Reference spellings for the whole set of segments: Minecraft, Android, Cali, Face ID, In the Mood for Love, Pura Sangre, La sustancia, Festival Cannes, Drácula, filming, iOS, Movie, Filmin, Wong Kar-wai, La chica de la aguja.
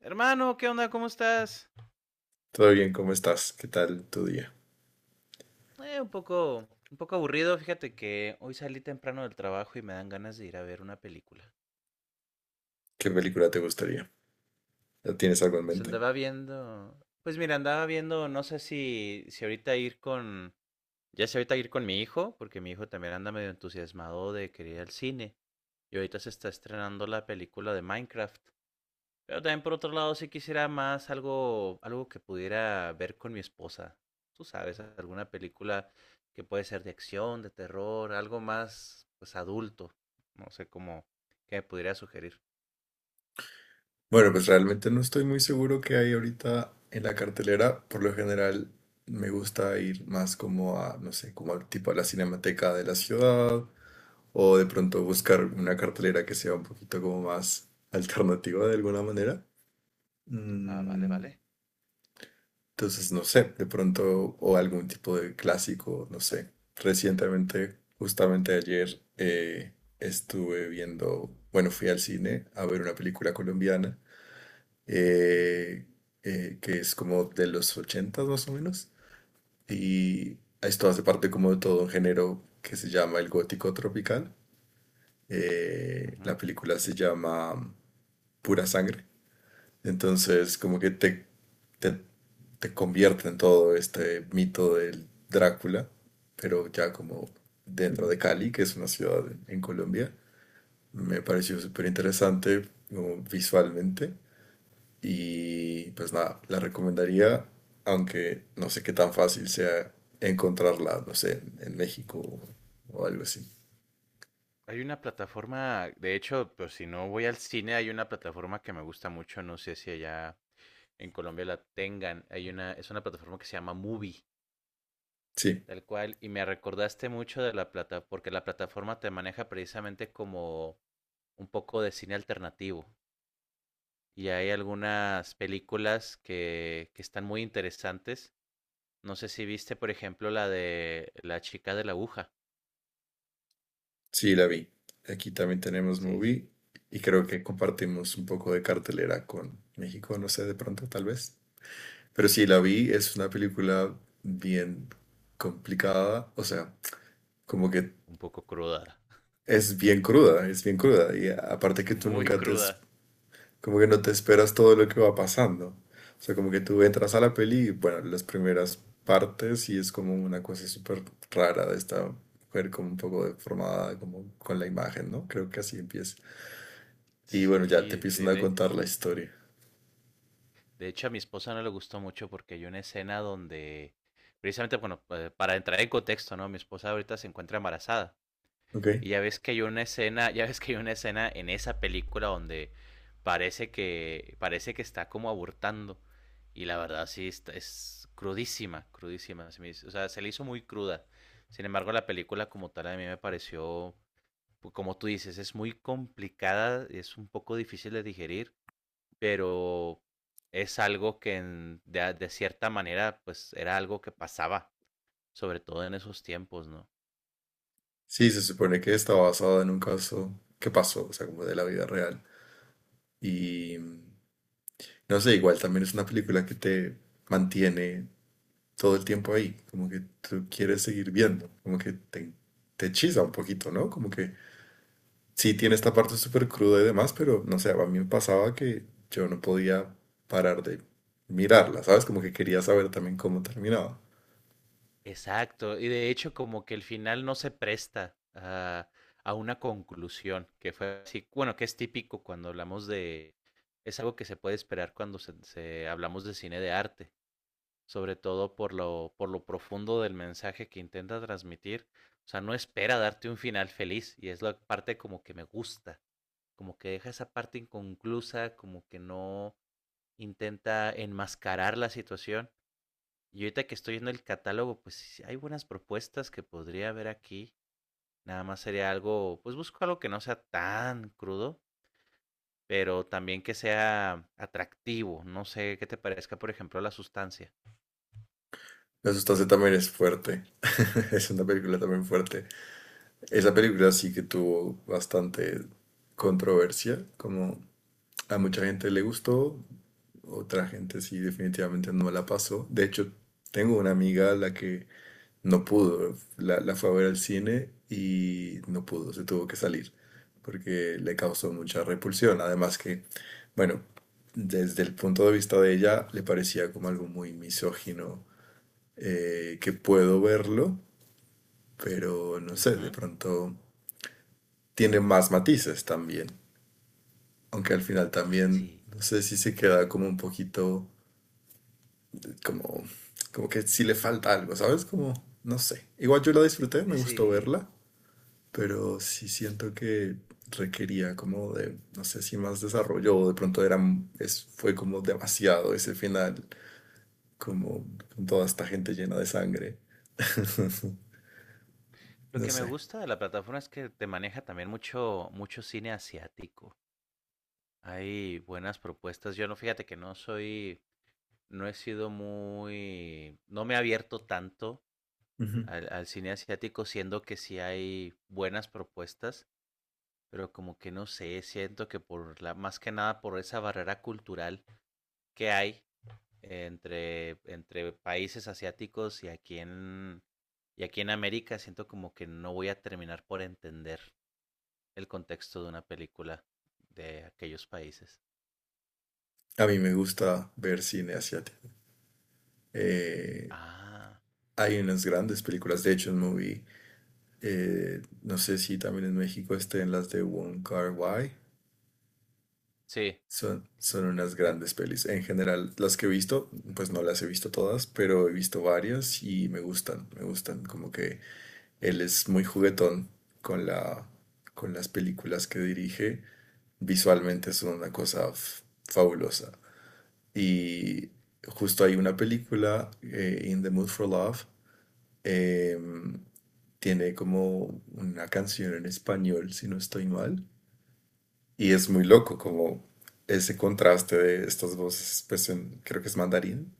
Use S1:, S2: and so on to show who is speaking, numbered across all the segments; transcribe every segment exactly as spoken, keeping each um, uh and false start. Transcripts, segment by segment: S1: Hermano, ¿qué onda? ¿Cómo estás?
S2: Todo bien, ¿cómo estás? ¿Qué tal tu día?
S1: Eh, un poco, un poco aburrido. Fíjate que hoy salí temprano del trabajo y me dan ganas de ir a ver una película.
S2: ¿Qué película te gustaría? ¿Ya tienes algo en
S1: Se
S2: mente?
S1: andaba viendo, pues mira, andaba viendo, no sé si, si ahorita ir con, ya sé ahorita ir con mi hijo, porque mi hijo también anda medio entusiasmado de querer ir al cine. Y ahorita se está estrenando la película de Minecraft. Pero también por otro lado, sí quisiera más algo, algo que pudiera ver con mi esposa. Tú sabes, alguna película que puede ser de acción, de terror, algo más, pues, adulto. No sé cómo, qué me pudiera sugerir.
S2: Bueno, pues realmente no estoy muy seguro qué hay ahorita en la cartelera. Por lo general me gusta ir más como a, no sé, como al tipo a la cinemateca de la ciudad o de pronto buscar una cartelera que sea un poquito como más alternativa de alguna manera.
S1: Ah, vale,
S2: Mm,
S1: vale.
S2: Entonces, no sé, de pronto, o algún tipo de clásico, no sé. Recientemente, justamente ayer, eh, estuve viendo, bueno, fui al cine a ver una película colombiana, eh, eh, que es como de los ochentas más o menos, y esto
S1: Ujú,
S2: hace parte como de todo un género que se llama el gótico tropical. Eh, la
S1: ujú.
S2: película se llama Pura Sangre. Entonces, como que te, te, te convierte en todo este mito del Drácula, pero ya como dentro de Cali, que es una ciudad en, en Colombia. Me pareció súper interesante como visualmente y pues nada, la recomendaría, aunque no sé qué tan fácil sea encontrarla, no sé, en en México o algo así.
S1: Hay una plataforma, de hecho, pues si no voy al cine, hay una plataforma que me gusta mucho, no sé si allá en Colombia la tengan. Hay una, es una plataforma que se llama Movie.
S2: Sí.
S1: Tal cual, y me recordaste mucho de la plataforma, porque la plataforma te maneja precisamente como un poco de cine alternativo. Y hay algunas películas que, que están muy interesantes. No sé si viste, por ejemplo, la de La chica de la aguja.
S2: Sí, la vi. Aquí también tenemos
S1: Sí, es
S2: Movie, y creo que compartimos un poco de cartelera con México, no sé, de pronto, tal vez. Pero sí, la vi, es una película bien complicada, o sea, como que
S1: un poco cruda.
S2: es bien cruda, es bien cruda. Y aparte
S1: Sí,
S2: que tú
S1: muy
S2: nunca te, es-
S1: cruda.
S2: como que no te esperas todo lo que va pasando. O sea, como que tú entras a la peli y, bueno, las primeras partes y es como una cosa súper rara de esta mujer, como un poco deformada, como con la imagen, ¿no? Creo que así empieza. Y bueno, ya te
S1: Sí,
S2: empiezan
S1: de,
S2: a
S1: de,
S2: contar la historia.
S1: de hecho a mi esposa no le gustó mucho porque hay una escena donde, precisamente, bueno, eh, para entrar en contexto, ¿no? Mi esposa ahorita se encuentra embarazada.
S2: ¿Ok?
S1: Y ya ves que hay una escena, ya ves que hay una escena en esa película donde parece que parece que está como abortando y la verdad sí está- es crudísima, crudísima, se me hizo- o sea, se le hizo muy cruda. Sin embargo, la película como tal a mí me pareció, pu- como tú dices, es muy complicada, es un poco difícil de digerir, pero es algo que en- de, de cierta manera pues era algo que pasaba, sobre todo en esos tiempos, ¿no?
S2: Sí, se supone que está basada en un caso que pasó, o sea, como de la vida real. Y mm, no sé, igual también es una película que te mantiene todo el tiempo ahí, como que tú quieres seguir viendo, como que te, te hechiza un poquito, ¿no? Como que sí tiene esta parte súper cruda y demás, pero no sé, a mí me pasaba que yo no podía parar de mirarla, ¿sabes? Como que quería saber también cómo terminaba.
S1: Exacto, y de hecho como que el final no se presta a, a, una conclusión, que fue así, bueno, que es típico cuando hablamos de, es algo que se puede esperar cuando se, se- hablamos de cine de arte, sobre todo por lo, por lo profundo del mensaje que intenta transmitir, o sea, no espera darte un final feliz, y es la parte como que me gusta, como que deja esa parte inconclusa, como que no intenta enmascarar la situación y ahorita que estoy viendo el catálogo, pues sí hay buenas propuestas que podría haber aquí. Nada más sería algo, pues busco algo que no sea tan crudo, pero también que sea atractivo. No sé qué te parezca, por ejemplo, la sustancia.
S2: La sustancia también es fuerte. Es una película también fuerte. Esa película sí que tuvo bastante controversia, como a mucha gente le gustó, otra gente sí definitivamente no la pasó. De hecho, tengo una amiga a la que no pudo, la, la fue a ver al cine y no pudo, se tuvo que salir porque le causó mucha repulsión. Además que, bueno, desde el punto de vista de ella, le parecía como algo muy misógino, eh, que puedo verlo, pero no sé, de
S1: Ujú.
S2: pronto tiene más matices también, aunque al final también,
S1: Sí,
S2: no sé si se queda como un poquito, como, como que si le falta algo, ¿sabes? Como, no sé. Igual yo la disfruté, me gustó
S1: sí.
S2: verla, pero sí siento que requería como de, no sé si más desarrollo o de pronto era, es, fue como demasiado ese final, como con toda esta gente llena de sangre.
S1: Lo
S2: No
S1: que me
S2: sé.
S1: gusta de la plataforma es que te maneja también mucho, mucho cine asiático. Hay buenas propuestas. Yo no, fíjate que no soy, no he sido muy, no me he abierto tanto
S2: Ujú.
S1: al, al cine asiático, siendo que sí hay buenas propuestas, pero como que no sé, siento que por la, más que nada por esa barrera cultural que hay entre, entre países asiáticos y aquí en y aquí en América siento como que no voy a terminar por entender el contexto de una película de aquellos países.
S2: A mí me gusta ver cine asiático. Eh,
S1: Ah,
S2: Hay unas grandes películas, de hecho, en Movie, eh, no sé si también en México estén las de Wong Kar-wai.
S1: sí.
S2: Son, son unas
S1: Eh,
S2: grandes pelis. En general, las que he visto, pues no las he visto todas, pero he visto varias y me gustan, me gustan. Como que él es muy juguetón con la, con las películas que dirige. Visualmente son una cosa f- fabulosa. Y justo hay una película, eh, In the Mood for Love, eh, tiene como una canción en español, si no estoy mal. Y es muy loco, como ese contraste de estas voces, pues en- creo que es mandarín.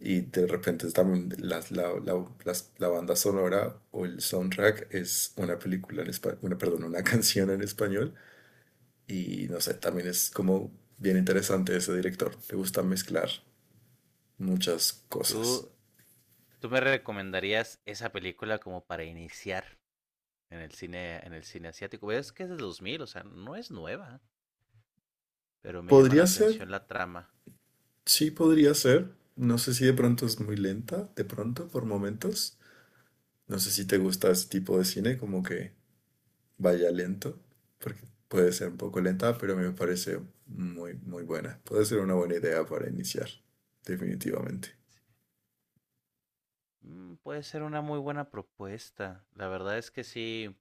S2: Y de repente es también la, la, la- las- la banda sonora o el soundtrack es una película en español, una, perdón, una canción en español. Y no sé, también es como bien interesante ese director. Le gusta mezclar muchas cosas.
S1: ¿Tú, tú me recomendarías esa película como para iniciar en el cine, en el cine asiático? Es que es de dos mil, o sea, no es nueva, pero me llama la
S2: Podría ser,
S1: atención la trama.
S2: sí podría ser. No sé si de pronto es muy lenta, de pronto, por momentos. No sé si te gusta ese tipo de cine, como que vaya lento, porque puede ser un poco lenta, pero me parece muy, muy buena. Puede ser una buena idea para iniciar, definitivamente.
S1: Mm, puede ser una muy buena propuesta. La verdad es que sí,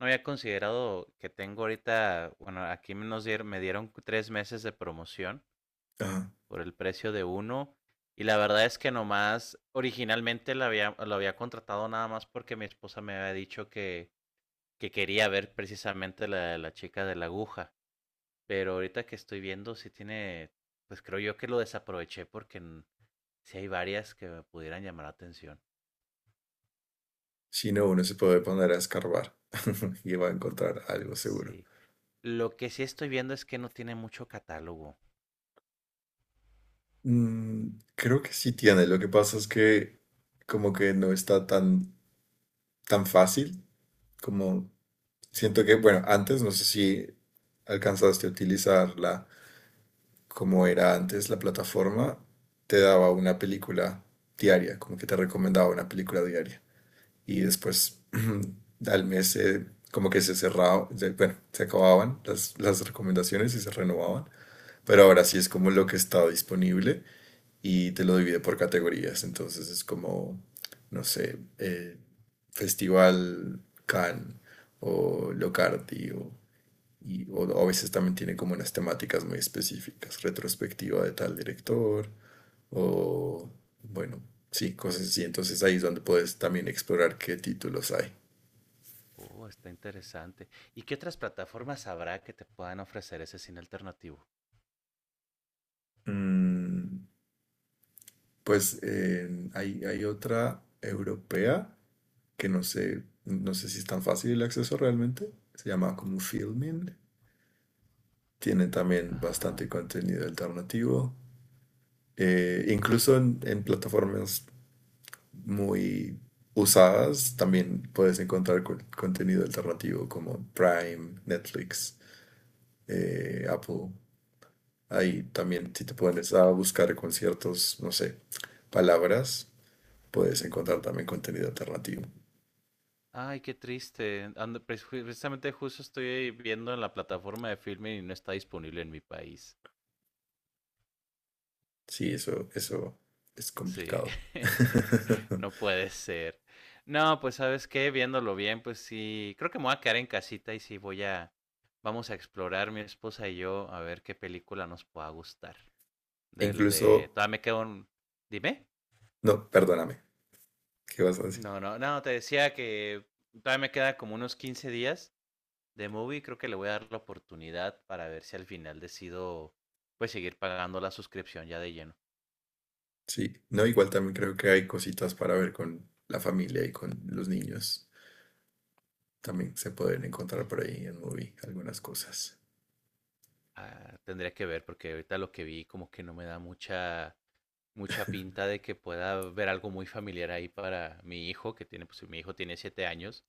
S1: no había considerado que tengo ahorita, bueno, aquí nos dieron, me dieron tres meses de promoción
S2: Ajá.
S1: por el precio de uno. Y la verdad es que nomás, originalmente la había, lo había contratado nada más porque mi esposa me había dicho que, que quería ver precisamente la de la chica de la aguja. Pero ahorita que estoy viendo, sí tiene, pues creo yo que lo desaproveché porque n- sí hay varias que me pudieran llamar la atención.
S2: Si no, uno se puede poner a escarbar y va a encontrar algo seguro.
S1: Sí. Lo que sí estoy viendo es que no tiene mucho catálogo.
S2: Mm, creo que sí tiene. Lo que pasa es que como que no está tan, tan fácil como.
S1: Ujú.
S2: Siento que, bueno, antes no sé si alcanzaste a utilizarla como era antes la plataforma, te daba una película diaria, como que te recomendaba una película diaria. Y después al mes eh, como que se cerraba, se- bueno, se acababan las, las recomendaciones y se renovaban. Pero ahora sí es como lo que está disponible y te lo divide por categorías. Entonces es como, no sé, eh, Festival Cannes o Locardi o y o, o a veces también tiene como unas temáticas muy específicas, retrospectiva de tal director, o bueno, sí, cosas así. Entonces ahí es donde puedes también explorar qué títulos hay.
S1: Oh, está interesante. ¿Y qué otras plataformas habrá que te puedan ofrecer ese cine alternativo?
S2: Mm, pues eh, hay, hay otra europea que no sé, no sé, si es tan fácil el acceso realmente. Se llama como Filmin. Tiene también
S1: Ajá.
S2: bastante contenido alternativo. Eh, incluso en, en plataformas muy usadas, también puedes encontrar co- contenido alternativo como Prime, Netflix, eh, Apple. Ahí también, si te pones a buscar conciertos, no sé, palabras, puedes encontrar también
S1: Ujú.
S2: contenido alternativo.
S1: Ay, qué triste. Ando- pres- ju- precisamente justo estoy viendo en la plataforma de filming y no está disponible en mi país.
S2: Sí, eso,
S1: No,
S2: eso es
S1: sí.
S2: complicado.
S1: No puede ser. No, pues sabes qué, viéndolo bien, pues sí, creo que me voy a quedar en casita y sí voy a, vamos a explorar mi esposa y yo a ver qué película nos pueda gustar.
S2: E
S1: Del
S2: incluso,
S1: de, todavía me quedo un, Dime.
S2: no, perdóname, ¿qué vas a decir?
S1: No, no, no, te decía que todavía me queda como unos quince días de movie, creo que le voy a dar la oportunidad para ver si al final decido, pues seguir pagando la suscripción ya de lleno.
S2: Sí, no, igual también creo que hay cositas para ver con la familia y con los niños. También se pueden encontrar por ahí en Movie algunas cosas.
S1: Ah, tendría que ver porque ahorita lo que vi como que no me da mucha mucha pinta de que pueda ver algo muy familiar ahí para mi hijo, que tiene, pues si mi hijo tiene siete años.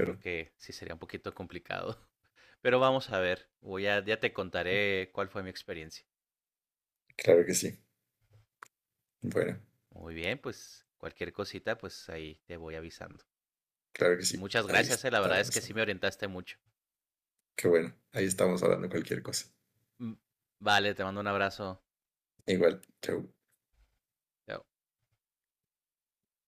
S1: Creo que sí sería un poquito complicado. Pero vamos a ver. Voy a, ya te contaré cuál fue mi experiencia.
S2: claro que sí. Bueno,
S1: Muy bien, pues cualquier cosita, pues ahí te voy avisando.
S2: claro que
S1: Pues
S2: sí.
S1: muchas
S2: Ahí
S1: gracias, eh, la verdad es que
S2: estaremos
S1: sí me
S2: hablando.
S1: orientaste mucho.
S2: Qué bueno. Ahí estamos hablando cualquier cosa.
S1: Mm, Vale, te mando un abrazo.
S2: Igual, chau.
S1: Chao.